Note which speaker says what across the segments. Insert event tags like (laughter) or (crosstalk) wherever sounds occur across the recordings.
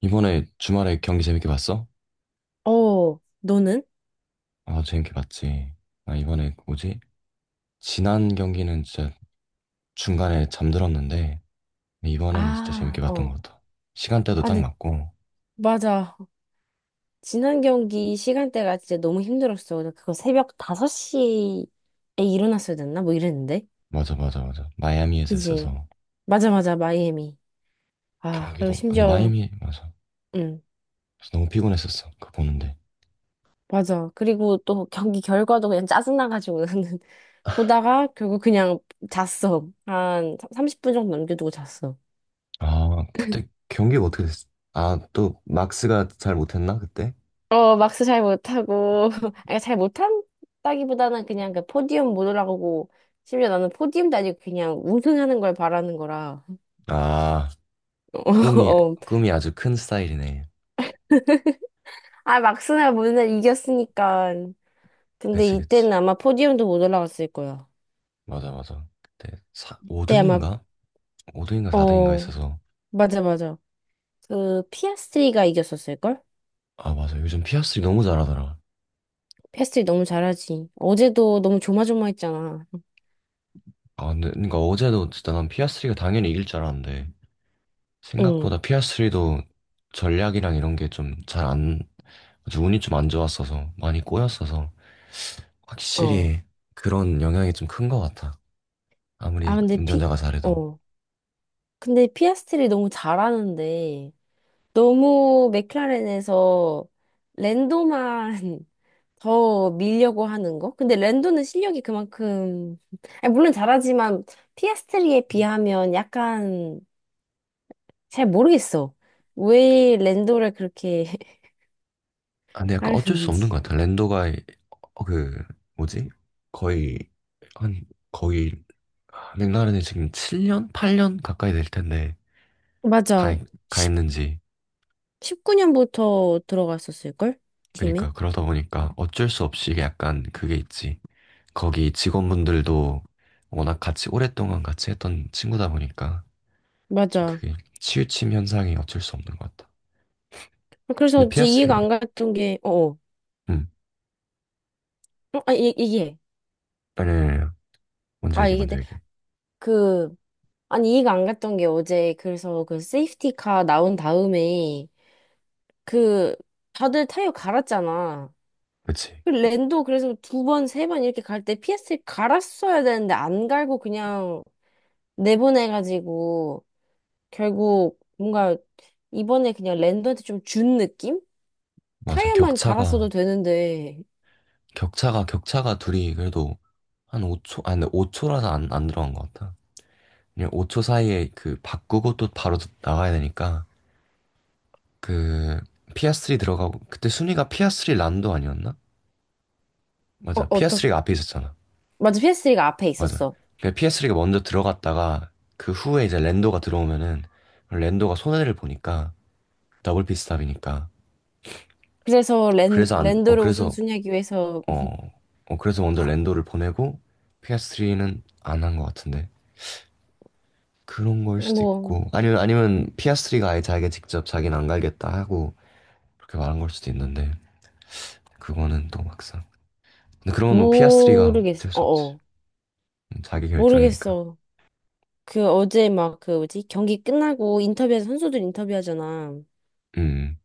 Speaker 1: 이번에 주말에 경기 재밌게 봤어?
Speaker 2: 어, 너는?
Speaker 1: 아, 재밌게 봤지. 아, 이번에 그 뭐지? 지난 경기는 진짜 중간에 잠들었는데, 이번에는 진짜
Speaker 2: 아,
Speaker 1: 재밌게 봤던
Speaker 2: 어.
Speaker 1: 것 같아. 시간대도
Speaker 2: 아,
Speaker 1: 딱
Speaker 2: 근데,
Speaker 1: 맞고,
Speaker 2: 맞아. 지난 경기 시간대가 진짜 너무 힘들었어. 나 그거 새벽 5시에 일어났어야 됐나? 뭐 이랬는데.
Speaker 1: 맞아, 맞아, 맞아. 마이애미에서
Speaker 2: 그지?
Speaker 1: 했어서,
Speaker 2: 맞아, 맞아. 마이애미. 아, 그리고
Speaker 1: 경기도, 근데
Speaker 2: 심지어,
Speaker 1: 마이애미, 맞아.
Speaker 2: 응,
Speaker 1: 그래서 너무 피곤했었어, 그거 보는데.
Speaker 2: 맞아. 그리고 또 경기 결과도 그냥 짜증나가지고 나는 (laughs) 보다가 결국 그냥 잤어. 한 30분 정도 넘겨두고 잤어.
Speaker 1: 아, 그때 경기가 어떻게 됐어? 아, 또 막스가 잘 못했나, 그때?
Speaker 2: 어, 막스 잘 못하고, (laughs) 아니, 잘 못한다기보다는 그냥 그 포디움 못 올라가고, 심지어 나는 포디움도 아니고 그냥 우승하는 걸 바라는 거라. (laughs)
Speaker 1: 아,
Speaker 2: 어,
Speaker 1: 꿈이,
Speaker 2: 어.
Speaker 1: 꿈이 아주 큰 스타일이네.
Speaker 2: 아, 막스나 모르날 이겼으니까. 근데
Speaker 1: 그치, 그치.
Speaker 2: 이때는 아마 포디움도 못 올라갔을 거야.
Speaker 1: 맞아, 맞아. 그때
Speaker 2: 그때 아마,
Speaker 1: 5등인가? 5등인가 4등인가
Speaker 2: 어,
Speaker 1: 있어서.
Speaker 2: 맞아, 맞아. 그, 피아스트리가 이겼었을걸?
Speaker 1: 아, 맞아. 요즘 피아스트리 너무 잘하더라.
Speaker 2: 피아스트리 너무 잘하지. 어제도 너무 조마조마했잖아.
Speaker 1: 아, 근데, 그러니까 어제도 진짜 난 피아스트리가 당연히 이길 줄 알았는데,
Speaker 2: 응,
Speaker 1: 생각보다 피아스트리도 전략이랑 이런 게 좀 잘 안, 아주 운이 좀 안 좋았어서, 많이 꼬였어서,
Speaker 2: 어.
Speaker 1: 확실히 그런 영향이 좀 큰 것 같아.
Speaker 2: 아,
Speaker 1: 아무리
Speaker 2: 근데 피,
Speaker 1: 운전자가 잘해도.
Speaker 2: 어. 근데 피아스트리 너무 잘하는데, 너무 맥라렌에서 랜도만 (laughs) 더 밀려고 하는 거? 근데 랜도는 실력이 그만큼, 아니, 물론 잘하지만 피아스트리에 비하면 약간 잘 모르겠어. 왜 랜도를 그렇게 (laughs)
Speaker 1: 아, 근데 약간 어쩔 수 없는
Speaker 2: 하려는지.
Speaker 1: 것 같아. 랜도가, 어, 그, 뭐지? 거의, 한, 거의, 맥라렌이 지금 7년? 8년 가까이 될 텐데, 가,
Speaker 2: 맞아.
Speaker 1: 가
Speaker 2: 1
Speaker 1: 있는지.
Speaker 2: 십구 9년부터 들어갔었을걸? 팀에?
Speaker 1: 그러니까 그러다 보니까 어쩔 수 없이 이게 약간 그게 있지. 거기 직원분들도 워낙 같이 오랫동안 같이 했던 친구다 보니까 좀
Speaker 2: 맞아.
Speaker 1: 그게 치우침 현상이 어쩔 수 없는 것 같다.
Speaker 2: 그래서
Speaker 1: 근데
Speaker 2: 이제 이해가
Speaker 1: 피아스리,
Speaker 2: 안 갔던 게, 어, 어,
Speaker 1: 응,
Speaker 2: 어, 아, 얘기해.
Speaker 1: 아니, 아니, 아니. 먼저
Speaker 2: 아,
Speaker 1: 얘기, 먼저
Speaker 2: 얘기해.
Speaker 1: 얘기.
Speaker 2: 그, 아니, 이해가 안 갔던 게 어제, 그래서 그 세이프티카 나온 다음에, 그, 다들 타이어 갈았잖아.
Speaker 1: 그치.
Speaker 2: 그 랜도 그래서 두 번, 세 번 이렇게 갈 때 PS를 갈았어야 되는데 안 갈고 그냥 내보내가지고, 결국 뭔가 이번에 그냥 랜도한테 좀 준 느낌?
Speaker 1: 맞아.
Speaker 2: 타이어만 갈았어도
Speaker 1: 격차가,
Speaker 2: 되는데,
Speaker 1: 격차가, 격차가 둘이 그래도 한 5초, 아니, 근데 5초라서 안 들어간 것 같다. 그냥 5초 사이에 그 바꾸고 또 바로 나가야 되니까 그 피아스리 들어가고 그때 순위가 피아스리 란도 아니었나?
Speaker 2: 어,
Speaker 1: 맞아. 피스
Speaker 2: 어떡,
Speaker 1: s 리가 앞에 있었잖아.
Speaker 2: 맞아, PS3가 앞에
Speaker 1: 맞아.
Speaker 2: 있었어.
Speaker 1: 그러니까 스 s 리가 먼저 들어갔다가 그 후에 이제 랜도가 들어오면은 랜도가 손해를 보니까 더블 피스탑이니까
Speaker 2: 그래서 랜,
Speaker 1: 그래서 안, 어,
Speaker 2: 랜도를
Speaker 1: 그래서
Speaker 2: 우선순위하기 위해서,
Speaker 1: 어,
Speaker 2: (laughs)
Speaker 1: 어, 그래서 먼저 랜도를 보내고 피스트리는 안 한 것 같은데 그런 걸 수도
Speaker 2: 뭐,
Speaker 1: 있고 아니면 스 s 리가 아예 자기가 직접 자기는 안 갈겠다 하고 그렇게 말한 걸 수도 있는데 그거는 또 막상 근데 그런 건뭐 스 s 리가
Speaker 2: 모르겠어.
Speaker 1: 어쩔 수 없지.
Speaker 2: 어어.
Speaker 1: 자기 결정이니까.
Speaker 2: 모르겠어. 그 어제 막 그 뭐지? 경기 끝나고 인터뷰에서 선수들 인터뷰하잖아.
Speaker 1: 음.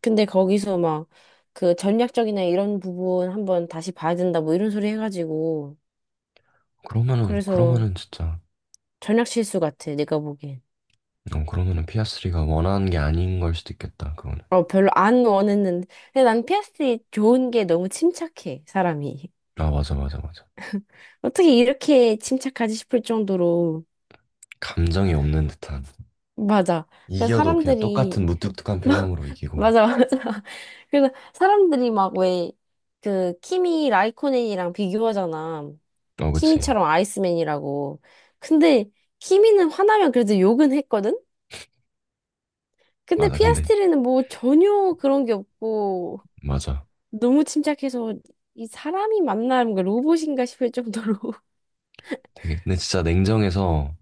Speaker 2: 근데 거기서 막 그 전략적이나 이런 부분 한번 다시 봐야 된다 뭐 이런 소리 해가지고.
Speaker 1: 그러면은
Speaker 2: 그래서
Speaker 1: 그러면은 진짜.
Speaker 2: 전략 실수 같아, 내가 보기엔.
Speaker 1: 어, 그러면은 피아스리가 원하는 게 아닌 걸 수도 있겠다. 그거는.
Speaker 2: 어, 별로 안 원했는데. 근데 난스트리 좋은 게 너무 침착해, 사람이.
Speaker 1: 아, 맞아, 맞아, 맞아.
Speaker 2: (laughs) 어떻게 이렇게 침착하지 싶을 정도로
Speaker 1: 감정이 없는 듯한.
Speaker 2: 맞아. 그래서
Speaker 1: 이겨도 그냥 똑같은
Speaker 2: 사람들이
Speaker 1: 무뚝뚝한 표정으로
Speaker 2: (laughs)
Speaker 1: 이기고.
Speaker 2: 맞아, 맞아. 그래서 사람들이 막 왜 그 키미 라이코넨이랑 비교하잖아.
Speaker 1: 어, 그치.
Speaker 2: 키미처럼 아이스맨이라고. 근데 키미는 화나면 그래도 욕은 했거든. 근데
Speaker 1: 맞아. 근데,
Speaker 2: 피아스트리는 뭐 전혀 그런 게 없고
Speaker 1: 맞아.
Speaker 2: 너무 침착해서 이 사람이 만나는 뭔 로봇인가 싶을 정도로. (laughs)
Speaker 1: 되게, 근데 진짜 냉정해서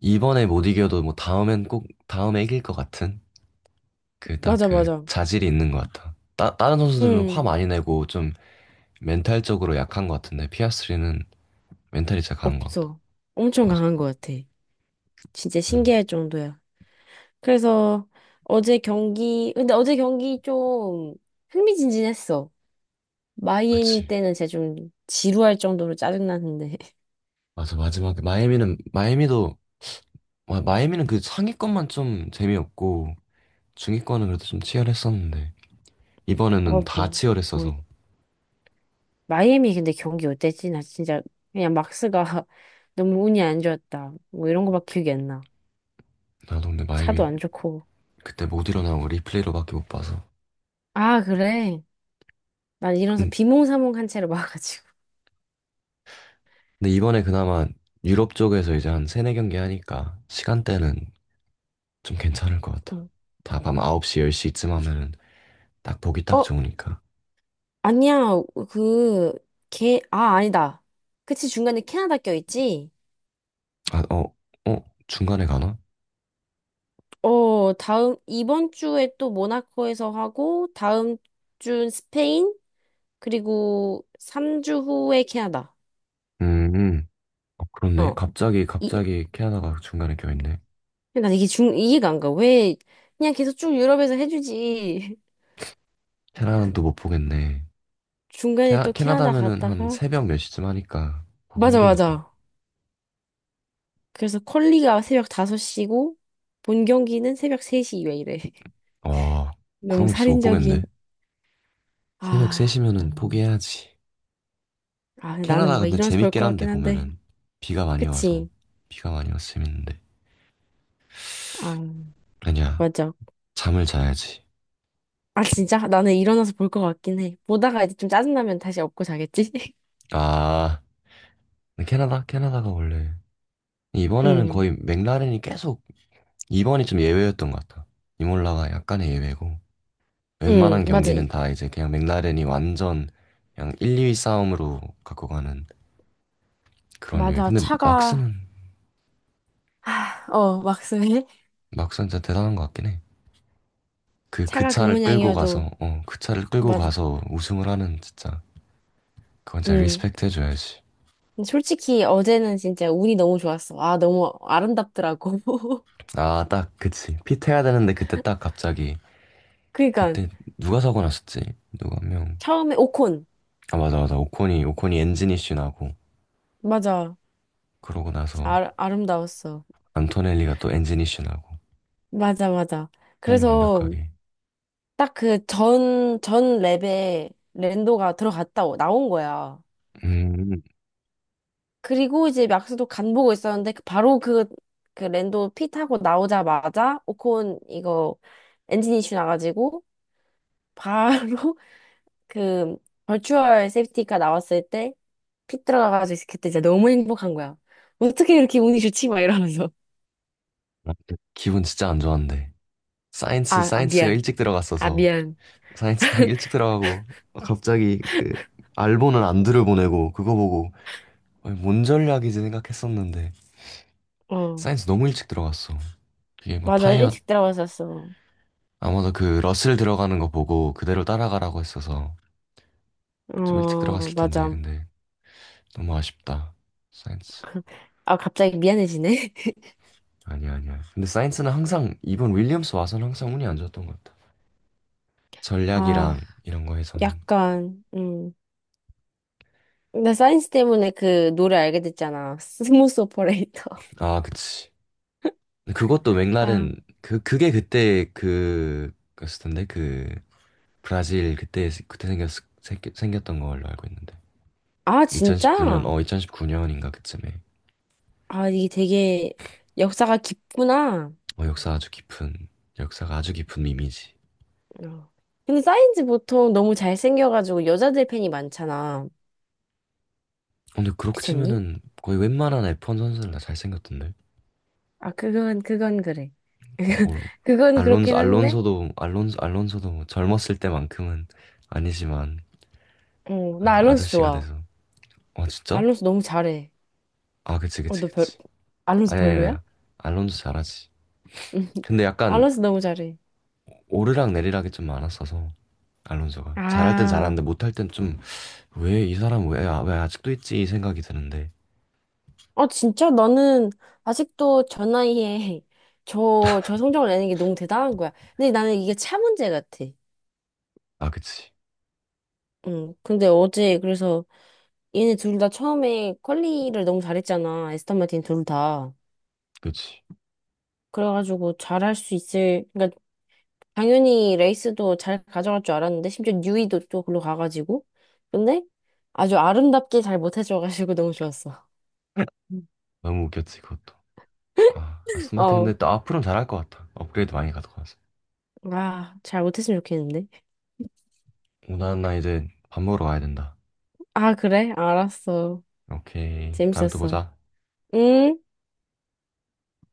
Speaker 1: 이번에 못 이겨도 뭐 다음엔 꼭, 다음에 이길 것 같은 그 딱
Speaker 2: 맞아,
Speaker 1: 그
Speaker 2: 맞아.
Speaker 1: 자질이 있는 것 같아. 다른 선수들은 화
Speaker 2: 응.
Speaker 1: 많이 내고 좀 멘탈적으로 약한 것 같은데 피아스리는 멘탈이 진짜 강한 것 같다.
Speaker 2: 없어. 엄청
Speaker 1: 맞아.
Speaker 2: 강한 것 같아. 진짜
Speaker 1: 그래서,
Speaker 2: 신기할 정도야. 그래서 어제 경기, 근데 어제 경기 좀 흥미진진했어. 마이애미
Speaker 1: 그치.
Speaker 2: 때는 제가 좀 지루할 정도로 짜증나는데. (laughs)
Speaker 1: 맞아. 마지막에 마이애미는 마이애미도 와, 마이애미는 그 상위권만 좀 재미없고 중위권은 그래도 좀 치열했었는데 이번에는
Speaker 2: 어,
Speaker 1: 다
Speaker 2: 뭐, 뭐,
Speaker 1: 치열했어서
Speaker 2: 마이애미 근데 경기 어땠지? 나 진짜 그냥 막스가 (laughs) 너무 운이 안 좋았다. 뭐 이런 거밖에 기억이 안 나.
Speaker 1: 나도 근데
Speaker 2: 차도
Speaker 1: 마이애미
Speaker 2: 안 좋고.
Speaker 1: 그때 못 일어나고 리플레이로밖에 못 봐서
Speaker 2: 아, 그래? 난 일어나서
Speaker 1: 근-
Speaker 2: 비몽사몽한 채로 와가지고.
Speaker 1: 근데 이번에 그나마 유럽 쪽에서 이제 한 세네 경기 하니까 시간대는 좀 괜찮을 것 같아.
Speaker 2: 응.
Speaker 1: 다 밤 9시, 10시쯤 하면은 딱 보기 딱
Speaker 2: 어,
Speaker 1: 좋으니까.
Speaker 2: 아니야. 그, 아, 아니다. 그치, 중간에 캐나다 껴있지?
Speaker 1: 아, 어, 어? 중간에 가나?
Speaker 2: 어, 다음, 이번 주에 또 모나코에서 하고, 다음 주는 스페인, 그리고 3주 후에 캐나다.
Speaker 1: 음, 음. 어, 그렇네.
Speaker 2: 어,
Speaker 1: 갑자기
Speaker 2: 이,
Speaker 1: 갑자기 캐나다가 중간에 껴있네.
Speaker 2: 난 이게 중, 이해가 안 가. 왜, 그냥 계속 쭉 유럽에서 해주지. (laughs)
Speaker 1: 캐나다도 못 보겠네.
Speaker 2: 중간에 또 캐나다
Speaker 1: 캐나다면은 한
Speaker 2: 갔다가.
Speaker 1: 새벽 몇 시쯤 하니까 보기
Speaker 2: 맞아,
Speaker 1: 힘들겠다.
Speaker 2: 맞아. 그래서 퀄리가 새벽 5시고, 본 경기는 새벽 3시 왜 이래. (laughs)
Speaker 1: 와,
Speaker 2: 너무
Speaker 1: 그런 건 진짜 못
Speaker 2: 살인적인.
Speaker 1: 보겠네. 새벽
Speaker 2: 아,
Speaker 1: 3시면은
Speaker 2: 그,
Speaker 1: 포기해야지.
Speaker 2: 아, 나는
Speaker 1: 캐나다
Speaker 2: 뭔가
Speaker 1: 근데
Speaker 2: 일어나서 볼
Speaker 1: 재밌긴
Speaker 2: 것
Speaker 1: 한데
Speaker 2: 같긴 한데.
Speaker 1: 보면은 비가 많이 와서
Speaker 2: 그치?
Speaker 1: 재밌는데.
Speaker 2: 아,
Speaker 1: 아니야,
Speaker 2: 맞아.
Speaker 1: 잠을 자야지.
Speaker 2: 아, 진짜? 나는 일어나서 볼 것 같긴 해. 보다가 이제 좀 짜증나면 다시 업고 자겠지? (laughs)
Speaker 1: 아, 근데 캐나다? 캐나다가 원래 이번에는
Speaker 2: 응,
Speaker 1: 거의 맥라렌이 계속. 이번이 좀 예외였던 것 같아. 이몰라가 약간의 예외고
Speaker 2: 응,
Speaker 1: 웬만한
Speaker 2: 맞아.
Speaker 1: 경기는 다 이제 그냥 맥라렌이 완전 그냥 1, 2위 싸움으로 갖고 가는 그런 유예.
Speaker 2: 맞아.
Speaker 1: 근데
Speaker 2: 차가,
Speaker 1: 막스는
Speaker 2: 하, 어, 막스웰?
Speaker 1: 막상 진짜 대단한 것 같긴 해. 그
Speaker 2: 차가 그
Speaker 1: 차를 끌고 가서,
Speaker 2: 모양이어도,
Speaker 1: 어, 그 차를 끌고
Speaker 2: 맞아.
Speaker 1: 가서 우승을 하는 진짜, 그건 진짜
Speaker 2: 응.
Speaker 1: 리스펙트 해줘야지.
Speaker 2: 근데 솔직히 어제는 진짜 운이 너무 좋았어. 아, 너무 아름답더라고. (laughs)
Speaker 1: 아, 딱, 그치. 핏해야 되는데 그때 딱 갑자기,
Speaker 2: 그니까,
Speaker 1: 그때 누가 사고 났었지? 누가 한 명.
Speaker 2: 처음에 오콘.
Speaker 1: 아, 맞아, 맞아. 오콘이 엔진 이슈 나고,
Speaker 2: 맞아.
Speaker 1: 그러고
Speaker 2: 진짜
Speaker 1: 나서
Speaker 2: 아, 아름다웠어.
Speaker 1: 안토넬리가 또 엔진 이슈 나고,
Speaker 2: 맞아, 맞아.
Speaker 1: 타이밍
Speaker 2: 그래서
Speaker 1: 완벽하게.
Speaker 2: 딱 그 전, 전 랩에 랜도가 들어갔다, 나온 거야.
Speaker 1: 음.
Speaker 2: 그리고 이제 막스도 간 보고 있었는데 바로 그, 그 랜도 피 타고 나오자마자 오콘 이거 엔진 이슈 나가지고 바로 (laughs) 그 버추얼 세이프티카 나왔을 때 피 들어가가지고 그때 진짜 너무 행복한 거야. 어떻게 이렇게 운이 좋지? 막 이러면서.
Speaker 1: 아, 그 기분 진짜 안 좋았는데.
Speaker 2: 아, 아
Speaker 1: 사이언스가
Speaker 2: 미안.
Speaker 1: 일찍
Speaker 2: 아
Speaker 1: 들어갔어서,
Speaker 2: 미안.
Speaker 1: 사이언스 딱 일찍 들어가고, 갑자기 그, 알보는 안드를 보내고, 그거 보고, 아니, 뭔 전략이지 생각했었는데
Speaker 2: 어,
Speaker 1: 사이언스 너무 일찍 들어갔어. 그게 뭐
Speaker 2: 맞아.
Speaker 1: 타이어
Speaker 2: 일찍 들어갔었어.
Speaker 1: 아마도 그 러셀 들어가는 거 보고 그대로 따라가라고 했어서 좀 일찍
Speaker 2: 어,
Speaker 1: 들어갔을 텐데
Speaker 2: 맞아.
Speaker 1: 근데 너무 아쉽다. 사이언스.
Speaker 2: 아, 갑자기 미안해지네. (laughs)
Speaker 1: 아니야, 아니야. 근데 사이언스는 항상 이번 윌리엄스 와서는 항상 운이 안 좋았던 것 같아.
Speaker 2: 아,
Speaker 1: 전략이랑 이런 거에서는.
Speaker 2: 약간 나 사인스 때문에 그 노래 알게 됐잖아. 스무스 오퍼레이터.
Speaker 1: 아, 그치. 근데 그것도
Speaker 2: (laughs) 아,
Speaker 1: 맥날은 그 그게 그때 그였을 텐데 그 브라질 그때 그때 생겼던 걸로 알고 있는데.
Speaker 2: 아,
Speaker 1: 그 2019년,
Speaker 2: 진짜?
Speaker 1: 어, 2019년인가 그쯤에.
Speaker 2: 아, 이게 되게 역사가 깊구나.
Speaker 1: 어, 역사가 아주 깊은 이미지.
Speaker 2: 어. 근데 사인즈 보통 너무 잘생겨가지고 여자들 팬이 많잖아.
Speaker 1: 어, 근데 그렇게
Speaker 2: 그렇니?
Speaker 1: 치면은 거의 웬만한 F1 선수는 다 잘생겼던데.
Speaker 2: 아, 그건, 그건 그래.
Speaker 1: 뭐 올,
Speaker 2: (laughs) 그건
Speaker 1: 알론소,
Speaker 2: 그렇긴 한데,
Speaker 1: 알론소도, 알론소, 알론소도 뭐 젊었을 때만큼은 아니지만,
Speaker 2: 어, 나 알론소
Speaker 1: 아저씨가
Speaker 2: 좋아.
Speaker 1: 돼서. 어, 진짜?
Speaker 2: 알론소 너무 잘해.
Speaker 1: 아, 그치,
Speaker 2: 어,
Speaker 1: 그치,
Speaker 2: 너 별,
Speaker 1: 그치.
Speaker 2: 알론소
Speaker 1: 아니, 아니, 아니.
Speaker 2: 별로야?
Speaker 1: 알론소 잘하지.
Speaker 2: (laughs)
Speaker 1: 근데 약간
Speaker 2: 알론소 너무 잘해.
Speaker 1: 오르락 내리락이 좀 많았어서, 알론소가. 잘할 땐
Speaker 2: 아.
Speaker 1: 잘하는데 못할 땐 좀, 왜 이 사람 왜, 왜 아직도 있지? 이 생각이 드는데.
Speaker 2: 아, 진짜? 나는 아직도 저 나이에 (laughs) 저, 저 성적을 내는 게 너무 대단한 거야. 근데 나는 이게 차 문제 같아.
Speaker 1: 아, 그치.
Speaker 2: 응. 근데 어제 그래서 얘네 둘 다 처음에 퀄리를 너무 잘했잖아. 에스턴 마틴 둘 다.
Speaker 1: 그치.
Speaker 2: 그래가지고 잘할 수 있을, 그러니까 당연히 레이스도 잘 가져갈 줄 알았는데 심지어 뉴이도 또 글로 가가지고. 근데 아주 아름답게 잘 못해줘가지고 너무 좋았어.
Speaker 1: 너무 웃겼지, 그것도.
Speaker 2: (laughs)
Speaker 1: 스마트 근데
Speaker 2: 어.
Speaker 1: 또 앞으로는 잘할 것 같아. 업그레이드 많이 가져가서.
Speaker 2: 아, 잘 못했으면 좋겠는데.
Speaker 1: 오나 나 이제 밥 먹으러 가야 된다.
Speaker 2: 아, 그래? 알았어.
Speaker 1: 오케이. 다음에 또
Speaker 2: 재밌었어.
Speaker 1: 보자.
Speaker 2: 응?